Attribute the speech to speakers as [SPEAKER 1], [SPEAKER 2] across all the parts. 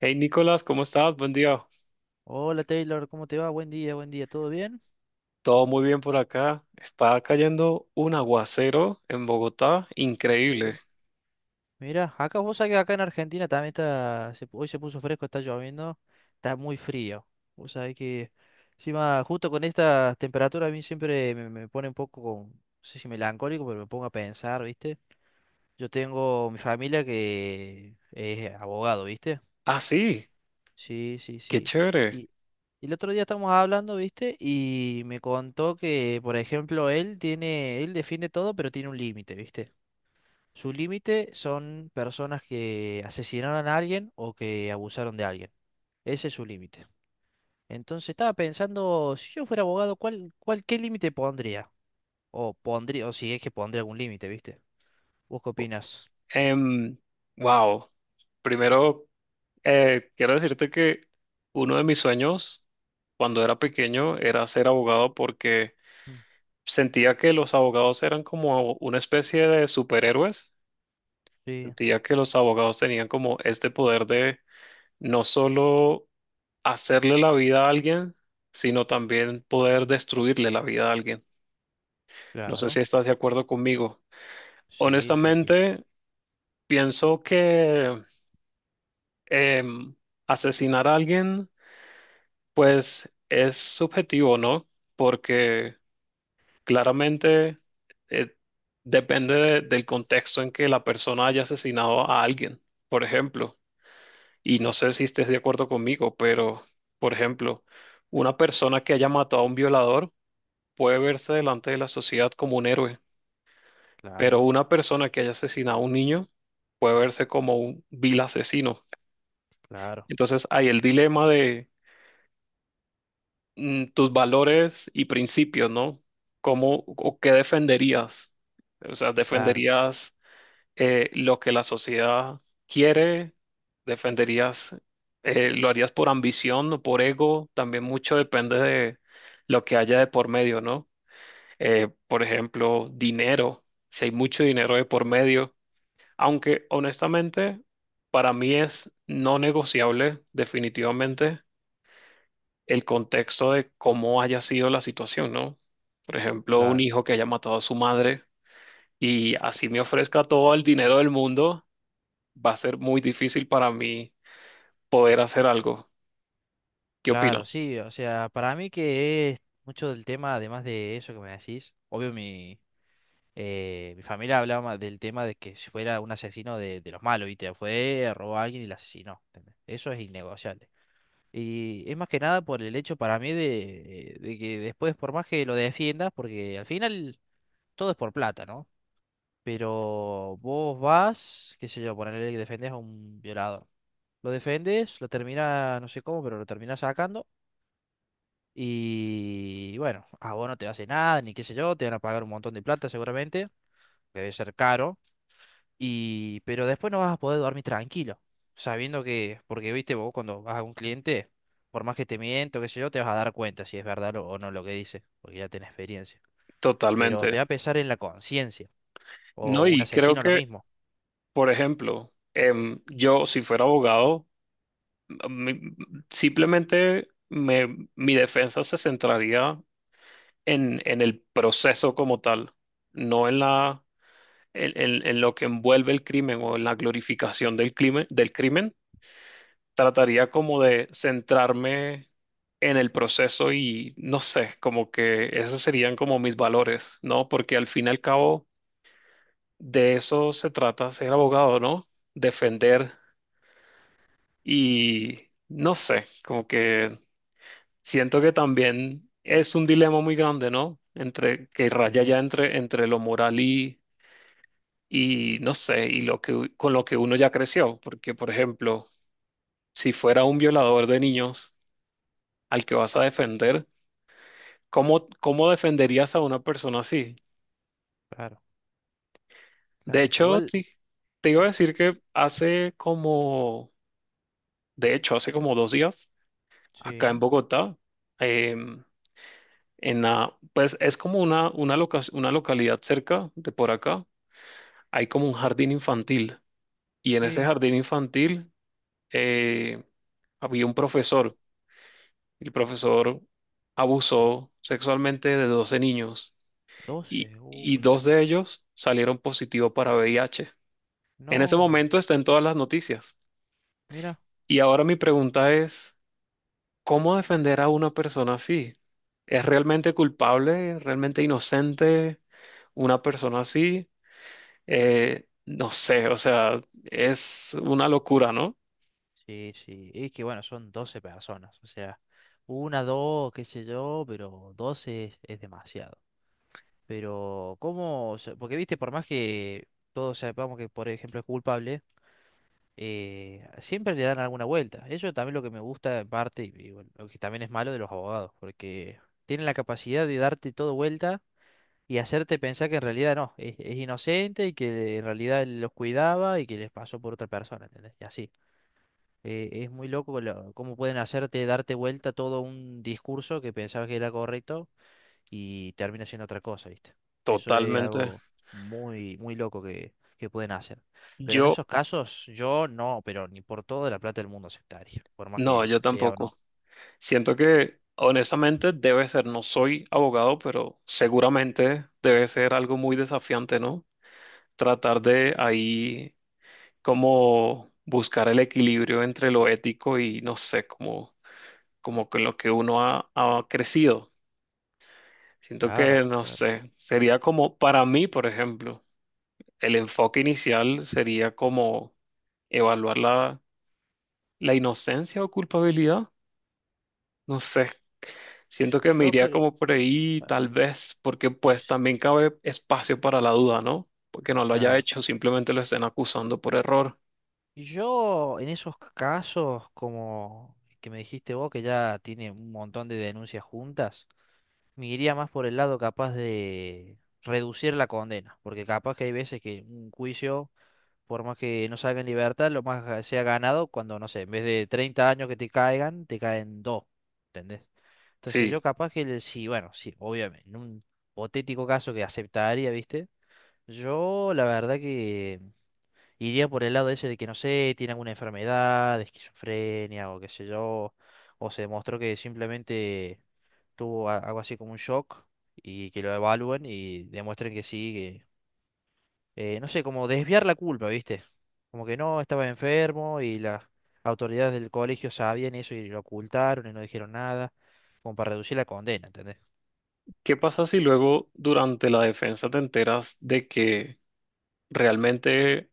[SPEAKER 1] Hey Nicolás, ¿cómo estás? Buen día.
[SPEAKER 2] Hola Taylor, ¿cómo te va? Buen día, ¿todo bien?
[SPEAKER 1] Todo muy bien por acá. Está cayendo un aguacero en Bogotá,
[SPEAKER 2] Uh,
[SPEAKER 1] increíble.
[SPEAKER 2] mira, acá vos sabés que acá en Argentina también está, hoy se puso fresco, está lloviendo, está muy frío. Vos sabés que encima justo con esta temperatura a mí siempre me pone un poco, no sé si melancólico, pero me pongo a pensar, ¿viste? Yo tengo mi familia que es abogado, ¿viste?
[SPEAKER 1] Ah, sí,
[SPEAKER 2] Sí, sí,
[SPEAKER 1] qué
[SPEAKER 2] sí.
[SPEAKER 1] chévere.
[SPEAKER 2] Y- y el otro día estábamos hablando, ¿viste? Y me contó que, por ejemplo, él tiene, él defiende todo, pero tiene un límite, ¿viste? Su límite son personas que asesinaron a alguien o que abusaron de alguien. Ese es su límite. Entonces estaba pensando, si yo fuera abogado, ¿cuál, qué límite pondría? O pondría, o si es que pondría algún límite, ¿viste? ¿Vos qué opinas?
[SPEAKER 1] Em, wow. Primero, quiero decirte que uno de mis sueños cuando era pequeño era ser abogado porque
[SPEAKER 2] Mm.
[SPEAKER 1] sentía que los abogados eran como una especie de superhéroes.
[SPEAKER 2] Sí,
[SPEAKER 1] Sentía que los abogados tenían como este poder de no solo hacerle la vida a alguien, sino también poder destruirle la vida a alguien. No sé si
[SPEAKER 2] claro.
[SPEAKER 1] estás de acuerdo conmigo.
[SPEAKER 2] Sí, sí, sí.
[SPEAKER 1] Honestamente, pienso que em, asesinar a alguien, pues es subjetivo, ¿no? Porque claramente eh, depende del contexto en que la persona haya asesinado a alguien, por ejemplo. Y no sé si estés de acuerdo conmigo, pero, por ejemplo, una persona que haya matado a un violador, puede verse delante de la sociedad como un héroe, pero
[SPEAKER 2] Claro,
[SPEAKER 1] una persona que haya asesinado a un niño puede verse como un vil asesino.
[SPEAKER 2] claro,
[SPEAKER 1] Entonces hay el dilema de tus valores y principios, ¿no? ¿Cómo o qué defenderías? O sea,
[SPEAKER 2] claro,
[SPEAKER 1] ¿defenderías lo que la sociedad quiere? ¿Defenderías, lo harías por ambición o por ego? También mucho depende de lo que haya de por medio, ¿no? Por ejemplo, dinero, si hay mucho dinero de por medio, aunque honestamente para mí es no negociable definitivamente el contexto de cómo haya sido la situación, ¿no? Por ejemplo, un
[SPEAKER 2] claro,
[SPEAKER 1] hijo que haya matado a su madre y así me ofrezca todo el dinero del mundo, va a ser muy difícil para mí poder hacer algo. ¿Qué
[SPEAKER 2] claro.
[SPEAKER 1] opinas?
[SPEAKER 2] Sí, o sea, para mí que es mucho del tema, además de eso que me decís, obvio mi familia hablaba del tema de que si fuera un asesino de los malos, ¿viste? Fue, robó a alguien y lo asesinó. ¿Entendés? Eso es innegociable. Y es más que nada por el hecho para mí de que después, por más que lo defiendas, porque al final todo es por plata, ¿no? Pero vos vas, qué sé yo, ponerle que defendes a un violador. Lo defendes, lo termina, no sé cómo, pero lo termina sacando. Y bueno, a vos no te hace nada, ni qué sé yo, te van a pagar un montón de plata seguramente, que debe ser caro. Y, pero después no vas a poder dormir tranquilo, sabiendo que, porque viste vos cuando vas a un cliente, por más que te miento, qué sé yo, te vas a dar cuenta si es verdad o no lo que dice, porque ya tenés experiencia. Pero te
[SPEAKER 1] Totalmente.
[SPEAKER 2] va a pesar en la conciencia,
[SPEAKER 1] No,
[SPEAKER 2] o un
[SPEAKER 1] y creo
[SPEAKER 2] asesino lo
[SPEAKER 1] que,
[SPEAKER 2] mismo.
[SPEAKER 1] por ejemplo, yo si fuera abogado, mi- simplemente mi defensa se centraría en el proceso como tal, no en la, en, en lo que envuelve el crimen o en la glorificación del crimen, del crimen. Trataría como de centrarme en el proceso y no sé, como que esos serían como mis valores, ¿no? Porque al fin y al cabo de eso se trata ser abogado, ¿no? Defender y no sé, como que siento que también es un dilema muy grande, ¿no? Entre que raya
[SPEAKER 2] Sí,
[SPEAKER 1] ya entre, entre lo moral y no sé, y lo que con lo que uno ya creció. Porque, por ejemplo, si fuera un violador de niños al que vas a defender, ¿cómo, cómo defenderías a una persona así?
[SPEAKER 2] claro,
[SPEAKER 1] De
[SPEAKER 2] claro.
[SPEAKER 1] hecho,
[SPEAKER 2] Igual,
[SPEAKER 1] te, iba a
[SPEAKER 2] eh,
[SPEAKER 1] decir que hace como, de hecho, hace como dos días, acá
[SPEAKER 2] sí,
[SPEAKER 1] en Bogotá, em, en la, pues es como una, una localidad cerca de por acá hay como un jardín infantil y en ese
[SPEAKER 2] sí,
[SPEAKER 1] jardín infantil eh, había un profesor. El profesor abusó sexualmente de 12 niños
[SPEAKER 2] doce,
[SPEAKER 1] y
[SPEAKER 2] qué
[SPEAKER 1] dos
[SPEAKER 2] feo.
[SPEAKER 1] de ellos salieron positivos para VIH. En ese
[SPEAKER 2] No,
[SPEAKER 1] momento está en todas las noticias.
[SPEAKER 2] mira,
[SPEAKER 1] Y ahora mi pregunta es, ¿cómo defender a una persona así? ¿Es realmente culpable? ¿Realmente inocente una persona así? No sé, o sea, es una locura, ¿no?
[SPEAKER 2] sí, sí, es que bueno, son 12 personas, o sea, una, dos, qué sé yo, pero 12 es demasiado. Pero, ¿cómo? O sea, porque, viste, por más que todos sepamos que, por ejemplo, es culpable, siempre le dan alguna vuelta. Eso también es lo que me gusta en parte, y bueno, lo que también es malo de los abogados, porque tienen la capacidad de darte todo vuelta y hacerte pensar que en realidad no, es inocente y que en realidad él los cuidaba y que les pasó por otra persona, ¿entendés? Y así. Es muy loco cómo pueden hacerte darte vuelta todo un discurso que pensabas que era correcto y termina siendo otra cosa, ¿viste? Eso es
[SPEAKER 1] Totalmente.
[SPEAKER 2] algo muy, muy loco que pueden hacer. Pero en
[SPEAKER 1] Yo,
[SPEAKER 2] esos casos, yo no, pero ni por toda la plata del mundo aceptaría, por más
[SPEAKER 1] no,
[SPEAKER 2] que
[SPEAKER 1] yo
[SPEAKER 2] sea o no.
[SPEAKER 1] tampoco. Siento que, honestamente, debe ser, no soy abogado, pero seguramente debe ser algo muy desafiante, ¿no? Tratar de ahí como buscar el equilibrio entre lo ético y, no sé, como, como con lo que uno ha, ha crecido. Siento que,
[SPEAKER 2] Claro,
[SPEAKER 1] no
[SPEAKER 2] claro.
[SPEAKER 1] sé, sería como, para mí, por ejemplo, el enfoque inicial sería como evaluar la, la inocencia o culpabilidad. No sé, siento que me
[SPEAKER 2] Yo
[SPEAKER 1] iría
[SPEAKER 2] creo.
[SPEAKER 1] como por ahí, tal vez, porque pues también cabe espacio para la duda, ¿no? Porque no lo haya
[SPEAKER 2] Claro.
[SPEAKER 1] hecho, simplemente lo estén acusando por error.
[SPEAKER 2] Y yo en esos casos, como que me dijiste vos, que ya tiene un montón de denuncias juntas, me iría más por el lado capaz de reducir la condena, porque capaz que hay veces que un juicio por más que no salga en libertad, lo más que sea ganado cuando, no sé, en vez de 30 años que te caigan, te caen dos, ¿entendés? Entonces yo
[SPEAKER 1] Sí.
[SPEAKER 2] capaz que, sí, bueno, sí, obviamente, en un hipotético caso que aceptaría, ¿viste? Yo la verdad que iría por el lado ese de que, no sé, tiene alguna enfermedad, de esquizofrenia o qué sé yo, o se demostró que simplemente tuvo algo así como un shock y que lo evalúen y demuestren que sí, no sé, como desviar la culpa, ¿viste? Como que no, estaba enfermo y las autoridades del colegio sabían eso y lo ocultaron y no dijeron nada, como para reducir la condena, ¿entendés?
[SPEAKER 1] ¿Qué pasa si luego durante la defensa te enteras de que realmente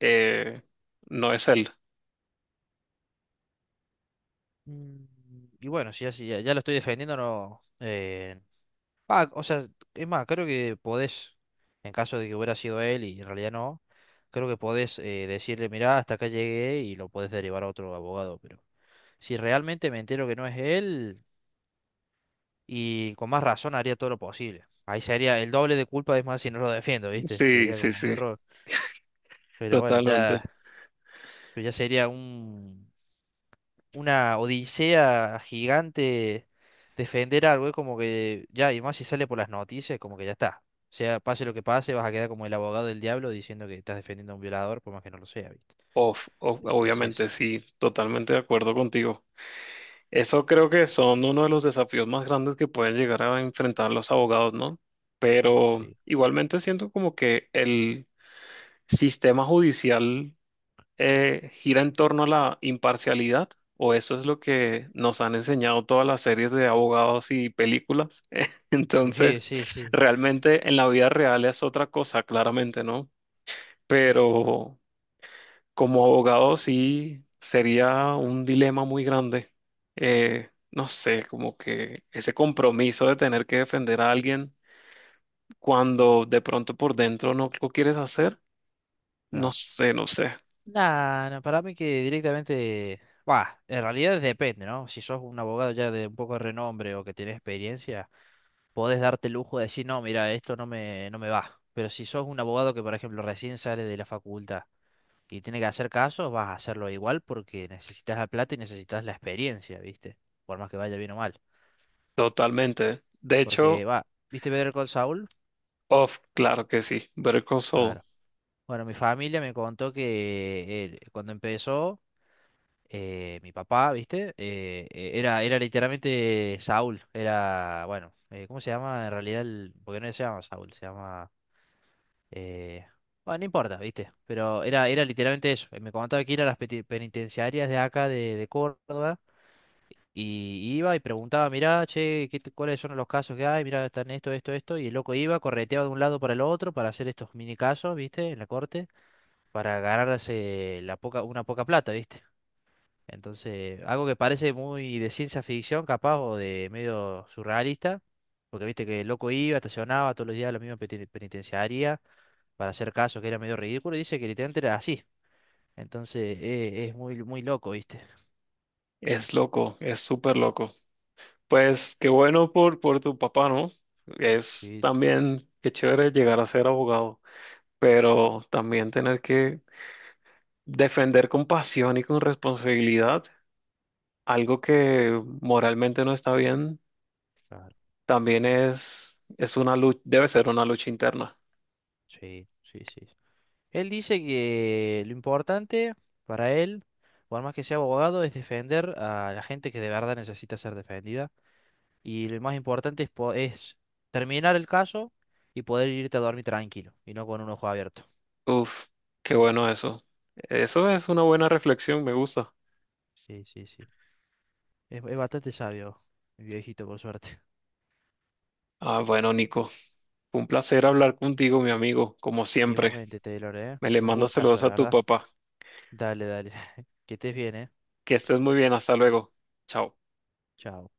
[SPEAKER 1] eh, no es él?
[SPEAKER 2] Mm. Y bueno, si ya, si ya, ya lo estoy defendiendo, no, o sea, es más, creo que podés, en caso de que hubiera sido él y en realidad no, creo que podés, decirle, mirá, hasta acá llegué y lo podés derivar a otro abogado, pero si realmente me entero que no es él... Y con más razón haría todo lo posible. Ahí sería el doble de culpa, es más, si no lo defiendo, ¿viste?
[SPEAKER 1] Sí,
[SPEAKER 2] Sería
[SPEAKER 1] sí,
[SPEAKER 2] como medio
[SPEAKER 1] sí,
[SPEAKER 2] error. Pero bueno, ya,
[SPEAKER 1] totalmente.
[SPEAKER 2] pero ya sería una odisea gigante defender algo. Es como que ya, y más si sale por las noticias, como que ya está. O sea, pase lo que pase, vas a quedar como el abogado del diablo diciendo que estás defendiendo a un violador, por más que no lo sea, ¿viste?
[SPEAKER 1] Obviamente,
[SPEAKER 2] Entonces,
[SPEAKER 1] sí, totalmente de acuerdo contigo. Eso creo que son uno de los desafíos más grandes que pueden llegar a enfrentar los abogados, ¿no? Pero
[SPEAKER 2] sí,
[SPEAKER 1] igualmente siento como que el sistema judicial gira en torno a la imparcialidad, o eso es lo que nos han enseñado todas las series de abogados y películas.
[SPEAKER 2] sí,
[SPEAKER 1] Entonces,
[SPEAKER 2] sí, sí.
[SPEAKER 1] realmente en la vida real es otra cosa, claramente, ¿no? Pero como abogado sí sería un dilema muy grande. No sé, como que ese compromiso de tener que defender a alguien cuando de pronto por dentro no lo quieres hacer, no
[SPEAKER 2] Claro.
[SPEAKER 1] sé, no sé,
[SPEAKER 2] Nah, no, para mí que directamente, va, en realidad depende, ¿no? Si sos un abogado ya de un poco de renombre o que tenés experiencia, podés darte el lujo de decir, no, mira, esto no me va. Pero si sos un abogado que, por ejemplo, recién sale de la facultad y tiene que hacer casos, vas a hacerlo igual porque necesitas la plata y necesitas la experiencia, ¿viste? Por más que vaya bien o mal.
[SPEAKER 1] totalmente. De hecho,
[SPEAKER 2] Porque, va, ¿viste Better Call Saul?
[SPEAKER 1] off, claro que sí, Better Call Saul
[SPEAKER 2] Claro. Bueno, mi familia me contó que, cuando empezó, mi papá, ¿viste? Era literalmente Saúl, era, bueno, ¿cómo se llama? En realidad, el, porque no se llama Saúl, se llama... eh, bueno, no importa, ¿viste? Pero era literalmente eso. Me contaba que ir a las penitenciarias de acá, de Córdoba, y iba y preguntaba, mirá, che, cuáles son los casos que hay? Mirá, están esto, esto, esto, y el loco iba, correteaba de un lado para el otro para hacer estos mini casos, ¿viste? En la corte, para ganarse una poca plata, ¿viste? Entonces, algo que parece muy de ciencia ficción, capaz, o de medio surrealista, porque viste que el loco iba, estacionaba todos los días a la misma penitenciaría para hacer caso que era medio ridículo, y dice que literalmente era así. Entonces, es muy, muy loco, ¿viste?
[SPEAKER 1] es loco, es súper loco. Pues qué bueno por tu papá, ¿no? Es
[SPEAKER 2] Sí, sí,
[SPEAKER 1] también, qué chévere llegar a ser abogado, pero también tener que defender con pasión y con responsabilidad algo que moralmente no está bien,
[SPEAKER 2] claro,
[SPEAKER 1] también es una lucha, debe ser una lucha interna.
[SPEAKER 2] sí, sí, sí. Él dice que lo importante para él, por más que sea abogado, es defender a la gente que de verdad necesita ser defendida. Y lo más importante es, es terminar el caso y poder irte a dormir tranquilo y no con un ojo abierto.
[SPEAKER 1] Uf, qué bueno eso. Eso es una buena reflexión, me gusta.
[SPEAKER 2] Sí, sí, sí. Es bastante sabio, mi viejito, por suerte.
[SPEAKER 1] Ah, bueno, Nico, fue un placer hablar contigo, mi amigo, como siempre.
[SPEAKER 2] Igualmente, Taylor, ¿eh?
[SPEAKER 1] Me le
[SPEAKER 2] Un
[SPEAKER 1] mando
[SPEAKER 2] gustazo,
[SPEAKER 1] saludos
[SPEAKER 2] la
[SPEAKER 1] a tu
[SPEAKER 2] verdad.
[SPEAKER 1] papá.
[SPEAKER 2] Dale, dale. Que estés bien, ¿eh?
[SPEAKER 1] Que estés muy bien, hasta luego. Chao.
[SPEAKER 2] Chao.